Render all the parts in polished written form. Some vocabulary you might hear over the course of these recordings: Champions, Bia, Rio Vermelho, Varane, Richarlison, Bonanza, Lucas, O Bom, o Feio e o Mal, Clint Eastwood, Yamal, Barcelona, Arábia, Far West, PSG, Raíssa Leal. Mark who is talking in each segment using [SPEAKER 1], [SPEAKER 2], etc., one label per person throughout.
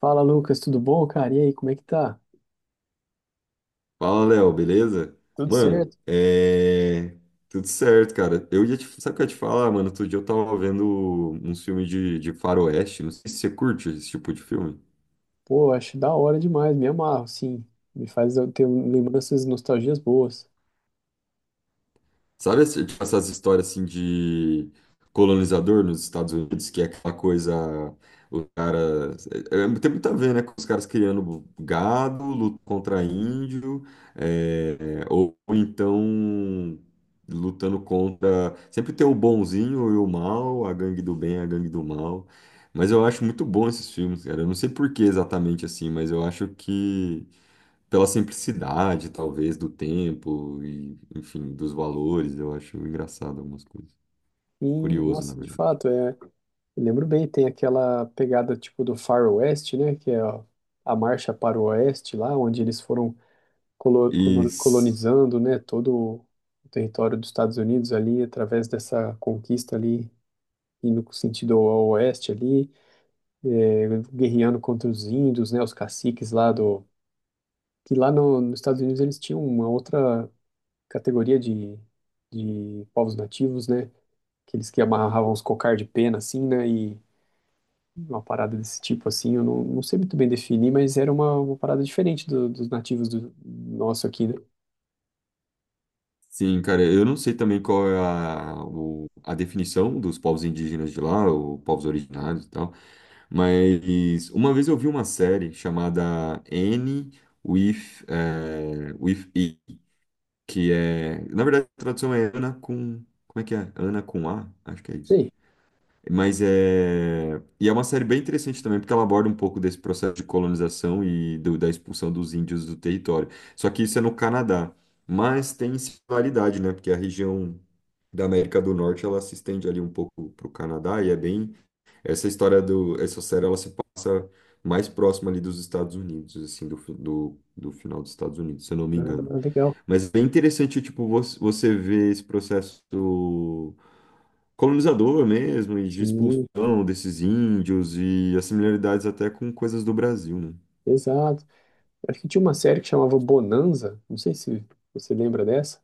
[SPEAKER 1] Fala, Lucas, tudo bom, cara? E aí, como é que tá?
[SPEAKER 2] Fala, Léo, beleza?
[SPEAKER 1] Tudo certo?
[SPEAKER 2] Mano, tudo certo, cara. Sabe o que eu ia te falar, mano? Outro dia eu tava vendo um filme de faroeste. Não sei se você curte esse tipo de filme.
[SPEAKER 1] Pô, acho da hora demais, me amarro, sim. Me faz eu ter lembranças e nostalgias boas.
[SPEAKER 2] Sabe tipo, essas histórias assim de colonizador nos Estados Unidos, que é aquela coisa, os caras. Tem muito a ver, né? Com os caras criando gado, luta contra índio, é, ou então lutando contra. Sempre tem o bonzinho e o mal, a gangue do bem, a gangue do mal. Mas eu acho muito bom esses filmes, cara. Eu não sei por que exatamente assim, mas eu acho que pela simplicidade, talvez, do tempo e, enfim, dos valores, eu acho engraçado algumas coisas.
[SPEAKER 1] E,
[SPEAKER 2] Curioso, na
[SPEAKER 1] nossa, de
[SPEAKER 2] verdade.
[SPEAKER 1] fato, eu lembro bem, tem aquela pegada tipo do Far West, né? Que é a marcha para o Oeste lá, onde eles foram
[SPEAKER 2] E s-
[SPEAKER 1] colonizando, né? Todo o território dos Estados Unidos ali, através dessa conquista ali, indo sentido ao Oeste ali, é, guerreando contra os índios, né? Os caciques lá do que lá no, nos Estados Unidos eles tinham uma outra categoria de povos nativos, né? Aqueles que amarravam os cocar de pena, assim, né? E uma parada desse tipo, assim, eu não sei muito bem definir, mas era uma parada diferente dos nativos do nosso aqui, né?
[SPEAKER 2] sim, cara, eu não sei também qual é a definição dos povos indígenas de lá, ou povos originários e tal, mas uma vez eu vi uma série chamada N with, with E, que é, na verdade, a tradução é Ana com, como é que é? Ana com A? Acho que é isso.
[SPEAKER 1] Sei.
[SPEAKER 2] Mas é. E é uma série bem interessante também, porque ela aborda um pouco desse processo de colonização e da expulsão dos índios do território. Só que isso é no Canadá. Mas tem similaridade, né? Porque a região da América do Norte ela se estende ali um pouco para o Canadá e é bem. Essa história do. Essa série ela se passa mais próxima ali dos Estados Unidos, assim, do final dos Estados Unidos, se eu não me engano.
[SPEAKER 1] Ah, legal.
[SPEAKER 2] Mas é bem interessante, tipo, você ver esse processo colonizador mesmo, e de
[SPEAKER 1] Sim,
[SPEAKER 2] expulsão desses índios, e as similaridades até com coisas do Brasil, né?
[SPEAKER 1] exato. Acho que tinha uma série que chamava Bonanza, não sei se você lembra dessa,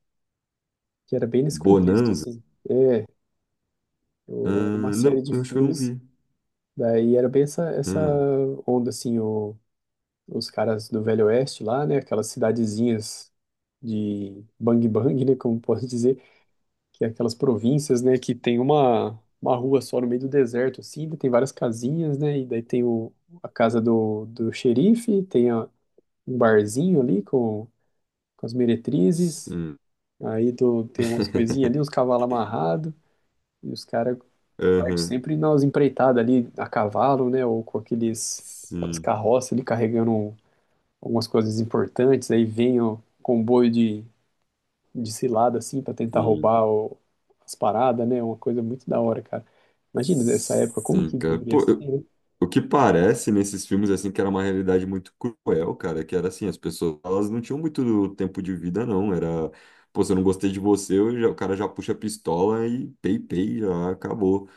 [SPEAKER 1] que era bem nesse contexto,
[SPEAKER 2] Bonanza?
[SPEAKER 1] assim. É,
[SPEAKER 2] Ah,
[SPEAKER 1] era uma
[SPEAKER 2] não,
[SPEAKER 1] série de
[SPEAKER 2] eu acho que eu não
[SPEAKER 1] filmes,
[SPEAKER 2] vi.
[SPEAKER 1] daí era bem essa
[SPEAKER 2] Ah,
[SPEAKER 1] onda, assim, o os caras do Velho Oeste lá, né? Aquelas cidadezinhas de Bang Bang, né? Como posso dizer, que é aquelas províncias, né? Que tem uma rua só no meio do deserto, assim, daí tem várias casinhas, né? E daí tem a casa do xerife, um barzinho ali com as meretrizes,
[SPEAKER 2] sim.
[SPEAKER 1] tem umas coisinhas ali, uns cavalos amarrados, e os caras partem
[SPEAKER 2] Aham.
[SPEAKER 1] sempre nas empreitadas ali a cavalo, né? Ou com aqueles, aquelas
[SPEAKER 2] Sim,
[SPEAKER 1] carroças ali carregando algumas coisas importantes, aí vem o comboio de cilada, assim, pra tentar
[SPEAKER 2] sim.
[SPEAKER 1] roubar as paradas, né? Uma coisa muito da hora, cara. Imagina nessa época, como
[SPEAKER 2] Sim,
[SPEAKER 1] que
[SPEAKER 2] cara.
[SPEAKER 1] deveria
[SPEAKER 2] Pô,
[SPEAKER 1] ser,
[SPEAKER 2] eu-
[SPEAKER 1] né?
[SPEAKER 2] O que parece nesses filmes, assim, que era uma realidade muito cruel, cara, que era assim, as pessoas, elas não tinham muito tempo de vida, não, era, pô, se eu não gostei de você, o cara já puxa a pistola e pei, pei, já acabou.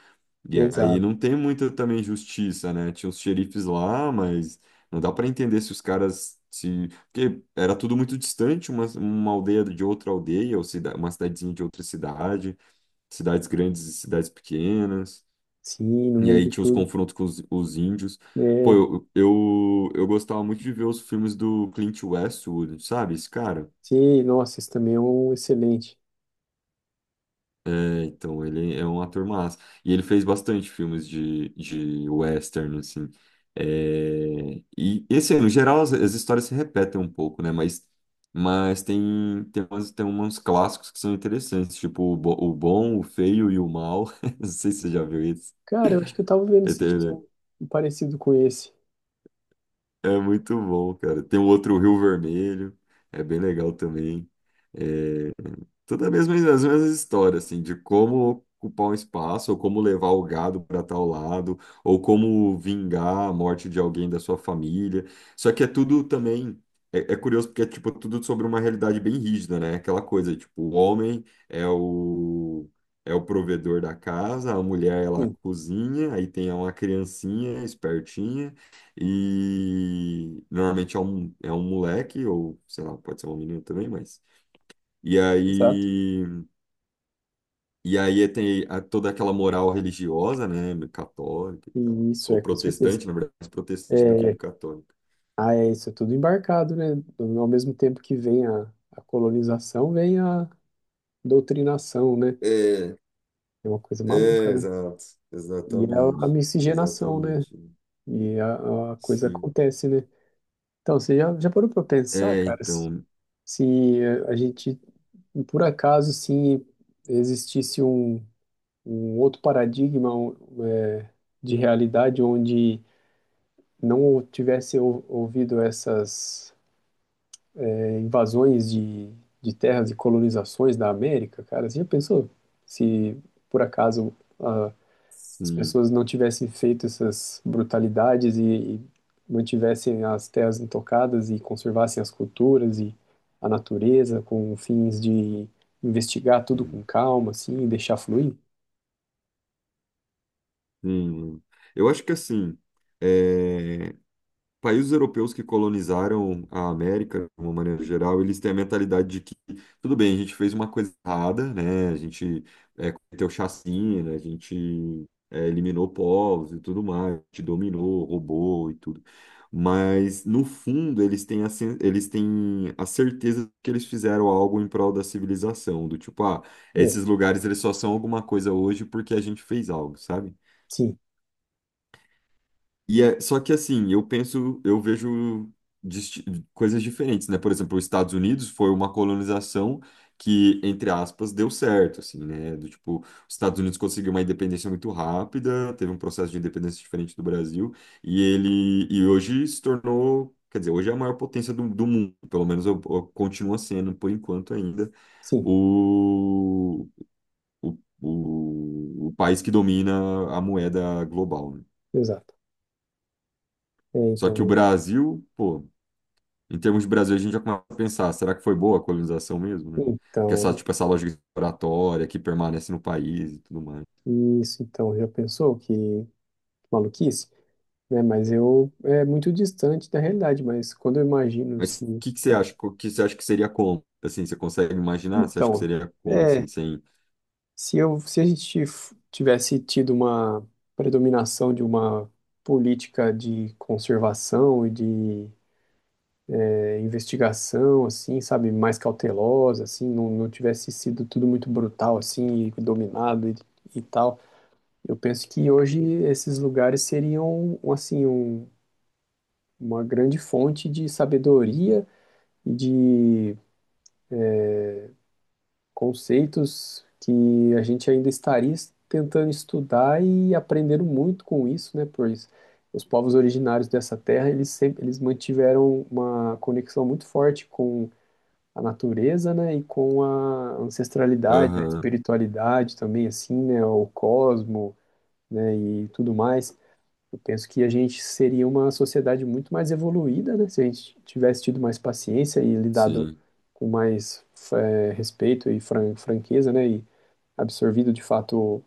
[SPEAKER 2] E aí
[SPEAKER 1] Exato.
[SPEAKER 2] não tem muita também justiça, né, tinha os xerifes lá, mas não dá pra entender se os caras, se, porque era tudo muito distante, uma aldeia de outra aldeia, ou uma cidadezinha de outra cidade, cidades grandes e cidades pequenas.
[SPEAKER 1] Sim, no
[SPEAKER 2] E
[SPEAKER 1] meio
[SPEAKER 2] aí
[SPEAKER 1] de
[SPEAKER 2] tinha os
[SPEAKER 1] tudo.
[SPEAKER 2] confrontos com os índios. Pô,
[SPEAKER 1] É,
[SPEAKER 2] eu gostava muito de ver os filmes do Clint Eastwood, sabe? Esse cara.
[SPEAKER 1] sim, nossa, esse também é um excelente.
[SPEAKER 2] É, então, ele é um ator massa. E ele fez bastante filmes de western, assim. É, e, assim, no geral, as histórias se repetem um pouco, né? Mas tem uns clássicos que são interessantes, tipo o Bom, o Feio e o Mal. Não sei se você já viu isso.
[SPEAKER 1] Cara, eu acho que eu tava vendo esses dias um parecido com esse.
[SPEAKER 2] É muito bom, cara. Tem o outro Rio Vermelho, é bem legal também. É, as mesmas histórias, assim, de como ocupar um espaço, ou como levar o gado para tal lado, ou como vingar a morte de alguém da sua família. Só que é tudo também. É, é curioso porque é tipo tudo sobre uma realidade bem rígida, né? Aquela coisa, tipo, o homem é o provedor da casa, a mulher ela
[SPEAKER 1] Sim,
[SPEAKER 2] cozinha, aí tem uma criancinha espertinha e normalmente é um moleque ou sei lá, pode ser uma menina também, mas e
[SPEAKER 1] exato.
[SPEAKER 2] aí e aí tem toda aquela moral religiosa, né, católica e
[SPEAKER 1] E
[SPEAKER 2] tal,
[SPEAKER 1] isso é,
[SPEAKER 2] ou
[SPEAKER 1] com certeza.
[SPEAKER 2] protestante, na verdade, mais protestante do que
[SPEAKER 1] É,
[SPEAKER 2] católica.
[SPEAKER 1] ah, é isso, é tudo embarcado, né? Ao mesmo tempo que vem a colonização, vem a doutrinação, né?
[SPEAKER 2] É,
[SPEAKER 1] É uma coisa maluca,
[SPEAKER 2] é,
[SPEAKER 1] né?
[SPEAKER 2] exato,
[SPEAKER 1] E é
[SPEAKER 2] exatamente,
[SPEAKER 1] a miscigenação, né?
[SPEAKER 2] exatamente,
[SPEAKER 1] E a coisa
[SPEAKER 2] sim.
[SPEAKER 1] acontece, né? Então, você já parou pra pensar,
[SPEAKER 2] É,
[SPEAKER 1] cara, se
[SPEAKER 2] então,
[SPEAKER 1] se a gente, por acaso, se existisse um outro paradigma é, de realidade onde não tivesse ouvido essas invasões de terras e colonizações da América, cara, você já pensou se, por acaso, as
[SPEAKER 2] sim,
[SPEAKER 1] pessoas não tivessem feito essas brutalidades e mantivessem as terras intocadas e conservassem as culturas e a natureza com fins de investigar tudo com
[SPEAKER 2] sim.
[SPEAKER 1] calma, assim, e deixar fluir?
[SPEAKER 2] Sim. Eu acho que assim, é, países europeus que colonizaram a América, de uma maneira geral, eles têm a mentalidade de que, tudo bem, a gente fez uma coisa errada, né? A gente cometeu chacina, a gente eliminou povos e tudo mais, a gente dominou, roubou e tudo. Mas, no fundo, eles têm a certeza de que eles fizeram algo em prol da civilização, do tipo, ah,
[SPEAKER 1] É,
[SPEAKER 2] esses lugares eles só são alguma coisa hoje porque a gente fez algo, sabe?
[SPEAKER 1] sim,
[SPEAKER 2] Só que assim, eu penso, eu vejo disti- coisas diferentes, né? Por exemplo, os Estados Unidos foi uma colonização que, entre aspas, deu certo, assim, né? Do tipo, os Estados Unidos conseguiu uma independência muito rápida, teve um processo de independência diferente do Brasil, e hoje se tornou, quer dizer, hoje é a maior potência do mundo, pelo menos eu continua sendo, por enquanto ainda,
[SPEAKER 1] sim,
[SPEAKER 2] o, o país que domina a moeda global, né?
[SPEAKER 1] exato. É,
[SPEAKER 2] Só que o
[SPEAKER 1] então,
[SPEAKER 2] Brasil, pô, em termos de Brasil, a gente já começa a pensar, será que foi boa a colonização mesmo, né? Que essa,
[SPEAKER 1] então,
[SPEAKER 2] tipo, essa lógica exploratória que permanece no país e tudo mais.
[SPEAKER 1] isso, então, já pensou que maluquice, né? Mas eu, é muito distante da realidade, mas quando eu imagino,
[SPEAKER 2] Mas o
[SPEAKER 1] assim,
[SPEAKER 2] que que você
[SPEAKER 1] é,
[SPEAKER 2] acha? O que você acha que seria como? Assim, você consegue imaginar? Você acha que
[SPEAKER 1] então,
[SPEAKER 2] seria como,
[SPEAKER 1] é,
[SPEAKER 2] assim, sem...
[SPEAKER 1] Se eu, se a gente tivesse tido uma predominação de uma política de conservação e de investigação, assim, sabe, mais cautelosa, assim, não tivesse sido tudo muito brutal, assim, e dominado e tal, eu penso que hoje esses lugares seriam, assim, uma grande fonte de sabedoria e de conceitos que a gente ainda estaria tentando estudar e aprendendo muito com isso, né? Pois os povos originários dessa terra, eles sempre eles mantiveram uma conexão muito forte com a natureza, né? E com a ancestralidade, a
[SPEAKER 2] Aham,
[SPEAKER 1] espiritualidade também, assim, né? O cosmo, né? E tudo mais. Eu penso que a gente seria uma sociedade muito mais evoluída, né? Se a gente tivesse tido mais paciência e lidado
[SPEAKER 2] sim.
[SPEAKER 1] com mais respeito e franqueza, né? E absorvido de fato o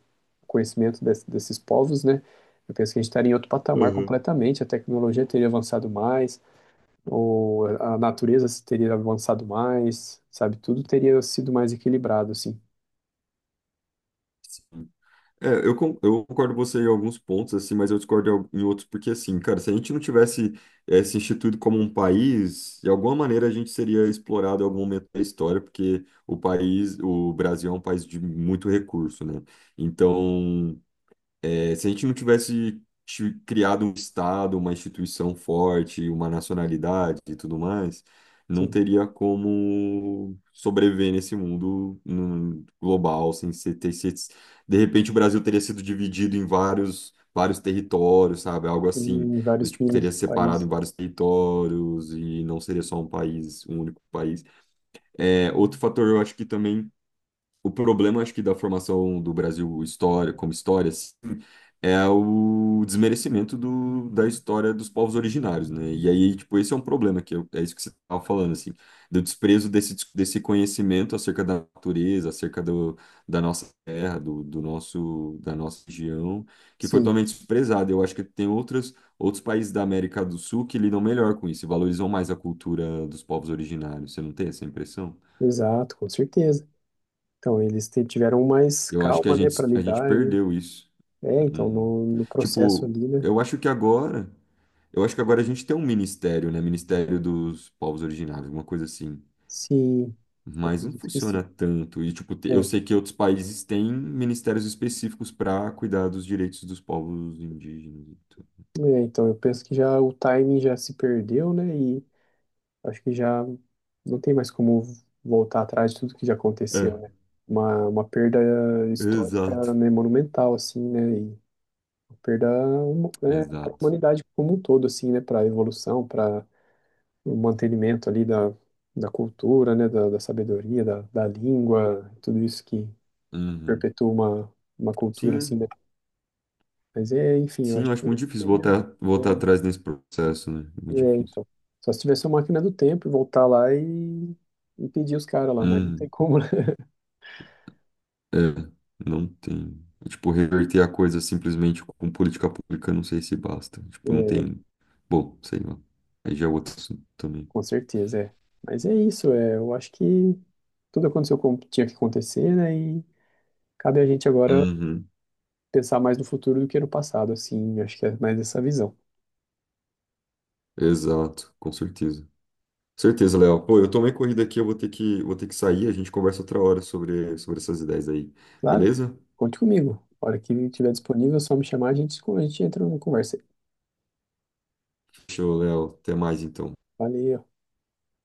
[SPEAKER 1] conhecimento desses povos, né? Eu penso que a gente estaria em outro patamar
[SPEAKER 2] Aham.
[SPEAKER 1] completamente. A tecnologia teria avançado mais, ou a natureza teria avançado mais, sabe? Tudo teria sido mais equilibrado, assim.
[SPEAKER 2] É, eu concordo com você em alguns pontos, assim, mas eu discordo em outros, porque, assim, cara, se a gente não tivesse se instituído como um país, de alguma maneira a gente seria explorado em algum momento da história, porque o país, o Brasil é um país de muito recurso, né? Então, se a gente não tivesse criado um Estado, uma instituição forte, uma nacionalidade e tudo mais, não
[SPEAKER 1] Sim,
[SPEAKER 2] teria como sobreviver nesse mundo global sem ser, ter. De repente o Brasil teria sido dividido em vários territórios, sabe? Algo assim,
[SPEAKER 1] em
[SPEAKER 2] do
[SPEAKER 1] vários
[SPEAKER 2] tipo teria separado
[SPEAKER 1] países.
[SPEAKER 2] em vários territórios e não seria só um país, um único país. É, outro fator, eu acho que também o problema, acho que da formação do Brasil história, como história é o desmerecimento da história dos povos originários, né? E aí, tipo, esse é um problema, é isso que você estava falando, assim, do desprezo desse conhecimento acerca da natureza, acerca da nossa terra, da nossa região, que foi
[SPEAKER 1] Sim,
[SPEAKER 2] totalmente desprezado. Eu acho que tem outras, outros países da América do Sul que lidam melhor com isso e valorizam mais a cultura dos povos originários. Você não tem essa impressão?
[SPEAKER 1] exato, com certeza. Então, eles tiveram mais
[SPEAKER 2] Eu acho que a
[SPEAKER 1] calma, né, para
[SPEAKER 2] gente, a gente
[SPEAKER 1] lidar, né?
[SPEAKER 2] perdeu isso.
[SPEAKER 1] É, então,
[SPEAKER 2] Uhum.
[SPEAKER 1] no processo
[SPEAKER 2] Tipo,
[SPEAKER 1] ali, né?
[SPEAKER 2] eu acho que agora. Eu acho que agora a gente tem um ministério, né? Ministério dos Povos Originários, alguma coisa assim.
[SPEAKER 1] Sim, eu
[SPEAKER 2] Mas não
[SPEAKER 1] acredito que
[SPEAKER 2] funciona
[SPEAKER 1] sim.
[SPEAKER 2] tanto. E, tipo, eu
[SPEAKER 1] É,
[SPEAKER 2] sei que outros países têm ministérios específicos para cuidar dos direitos dos povos indígenas. E tudo.
[SPEAKER 1] eu penso que já o timing já se perdeu, né? E acho que já não tem mais como voltar atrás de tudo que já
[SPEAKER 2] É,
[SPEAKER 1] aconteceu, né? Uma perda histórica,
[SPEAKER 2] exato.
[SPEAKER 1] né, monumental, assim, né? E uma perda, né, para a
[SPEAKER 2] Exato.
[SPEAKER 1] humanidade como um todo, assim, né? Para a evolução, para o mantenimento ali da cultura, né, da sabedoria, da língua, tudo isso que
[SPEAKER 2] Uhum.
[SPEAKER 1] perpetua uma cultura assim,
[SPEAKER 2] Sim,
[SPEAKER 1] né? Mas é, enfim, eu
[SPEAKER 2] sim,
[SPEAKER 1] acho
[SPEAKER 2] eu acho
[SPEAKER 1] que
[SPEAKER 2] muito difícil
[SPEAKER 1] seria, é,
[SPEAKER 2] voltar atrás nesse processo, né? É
[SPEAKER 1] é,
[SPEAKER 2] muito difícil.
[SPEAKER 1] então. Só se tivesse uma máquina do tempo e voltar lá e pedir os caras lá, mas não tem
[SPEAKER 2] Uhum.
[SPEAKER 1] como, né?
[SPEAKER 2] É, não tem. Tipo, reverter a coisa simplesmente com política pública, não sei se basta. Tipo, não
[SPEAKER 1] É,
[SPEAKER 2] tem. Bom, sei lá. Aí já é outro assunto também.
[SPEAKER 1] com certeza, é. Mas é isso, é, eu acho que tudo aconteceu como tinha que acontecer, né? E cabe a gente agora
[SPEAKER 2] Uhum.
[SPEAKER 1] pensar mais no futuro do que no passado, assim, acho que é mais essa visão.
[SPEAKER 2] Exato, com certeza. Certeza, Léo. Pô, eu tomei corrida aqui, eu vou ter que sair. A gente conversa outra hora sobre essas ideias aí.
[SPEAKER 1] Claro,
[SPEAKER 2] Beleza?
[SPEAKER 1] conte comigo. A hora que estiver disponível, é só me chamar, a gente entra numa conversa.
[SPEAKER 2] Show, Léo. Até mais então.
[SPEAKER 1] Valeu.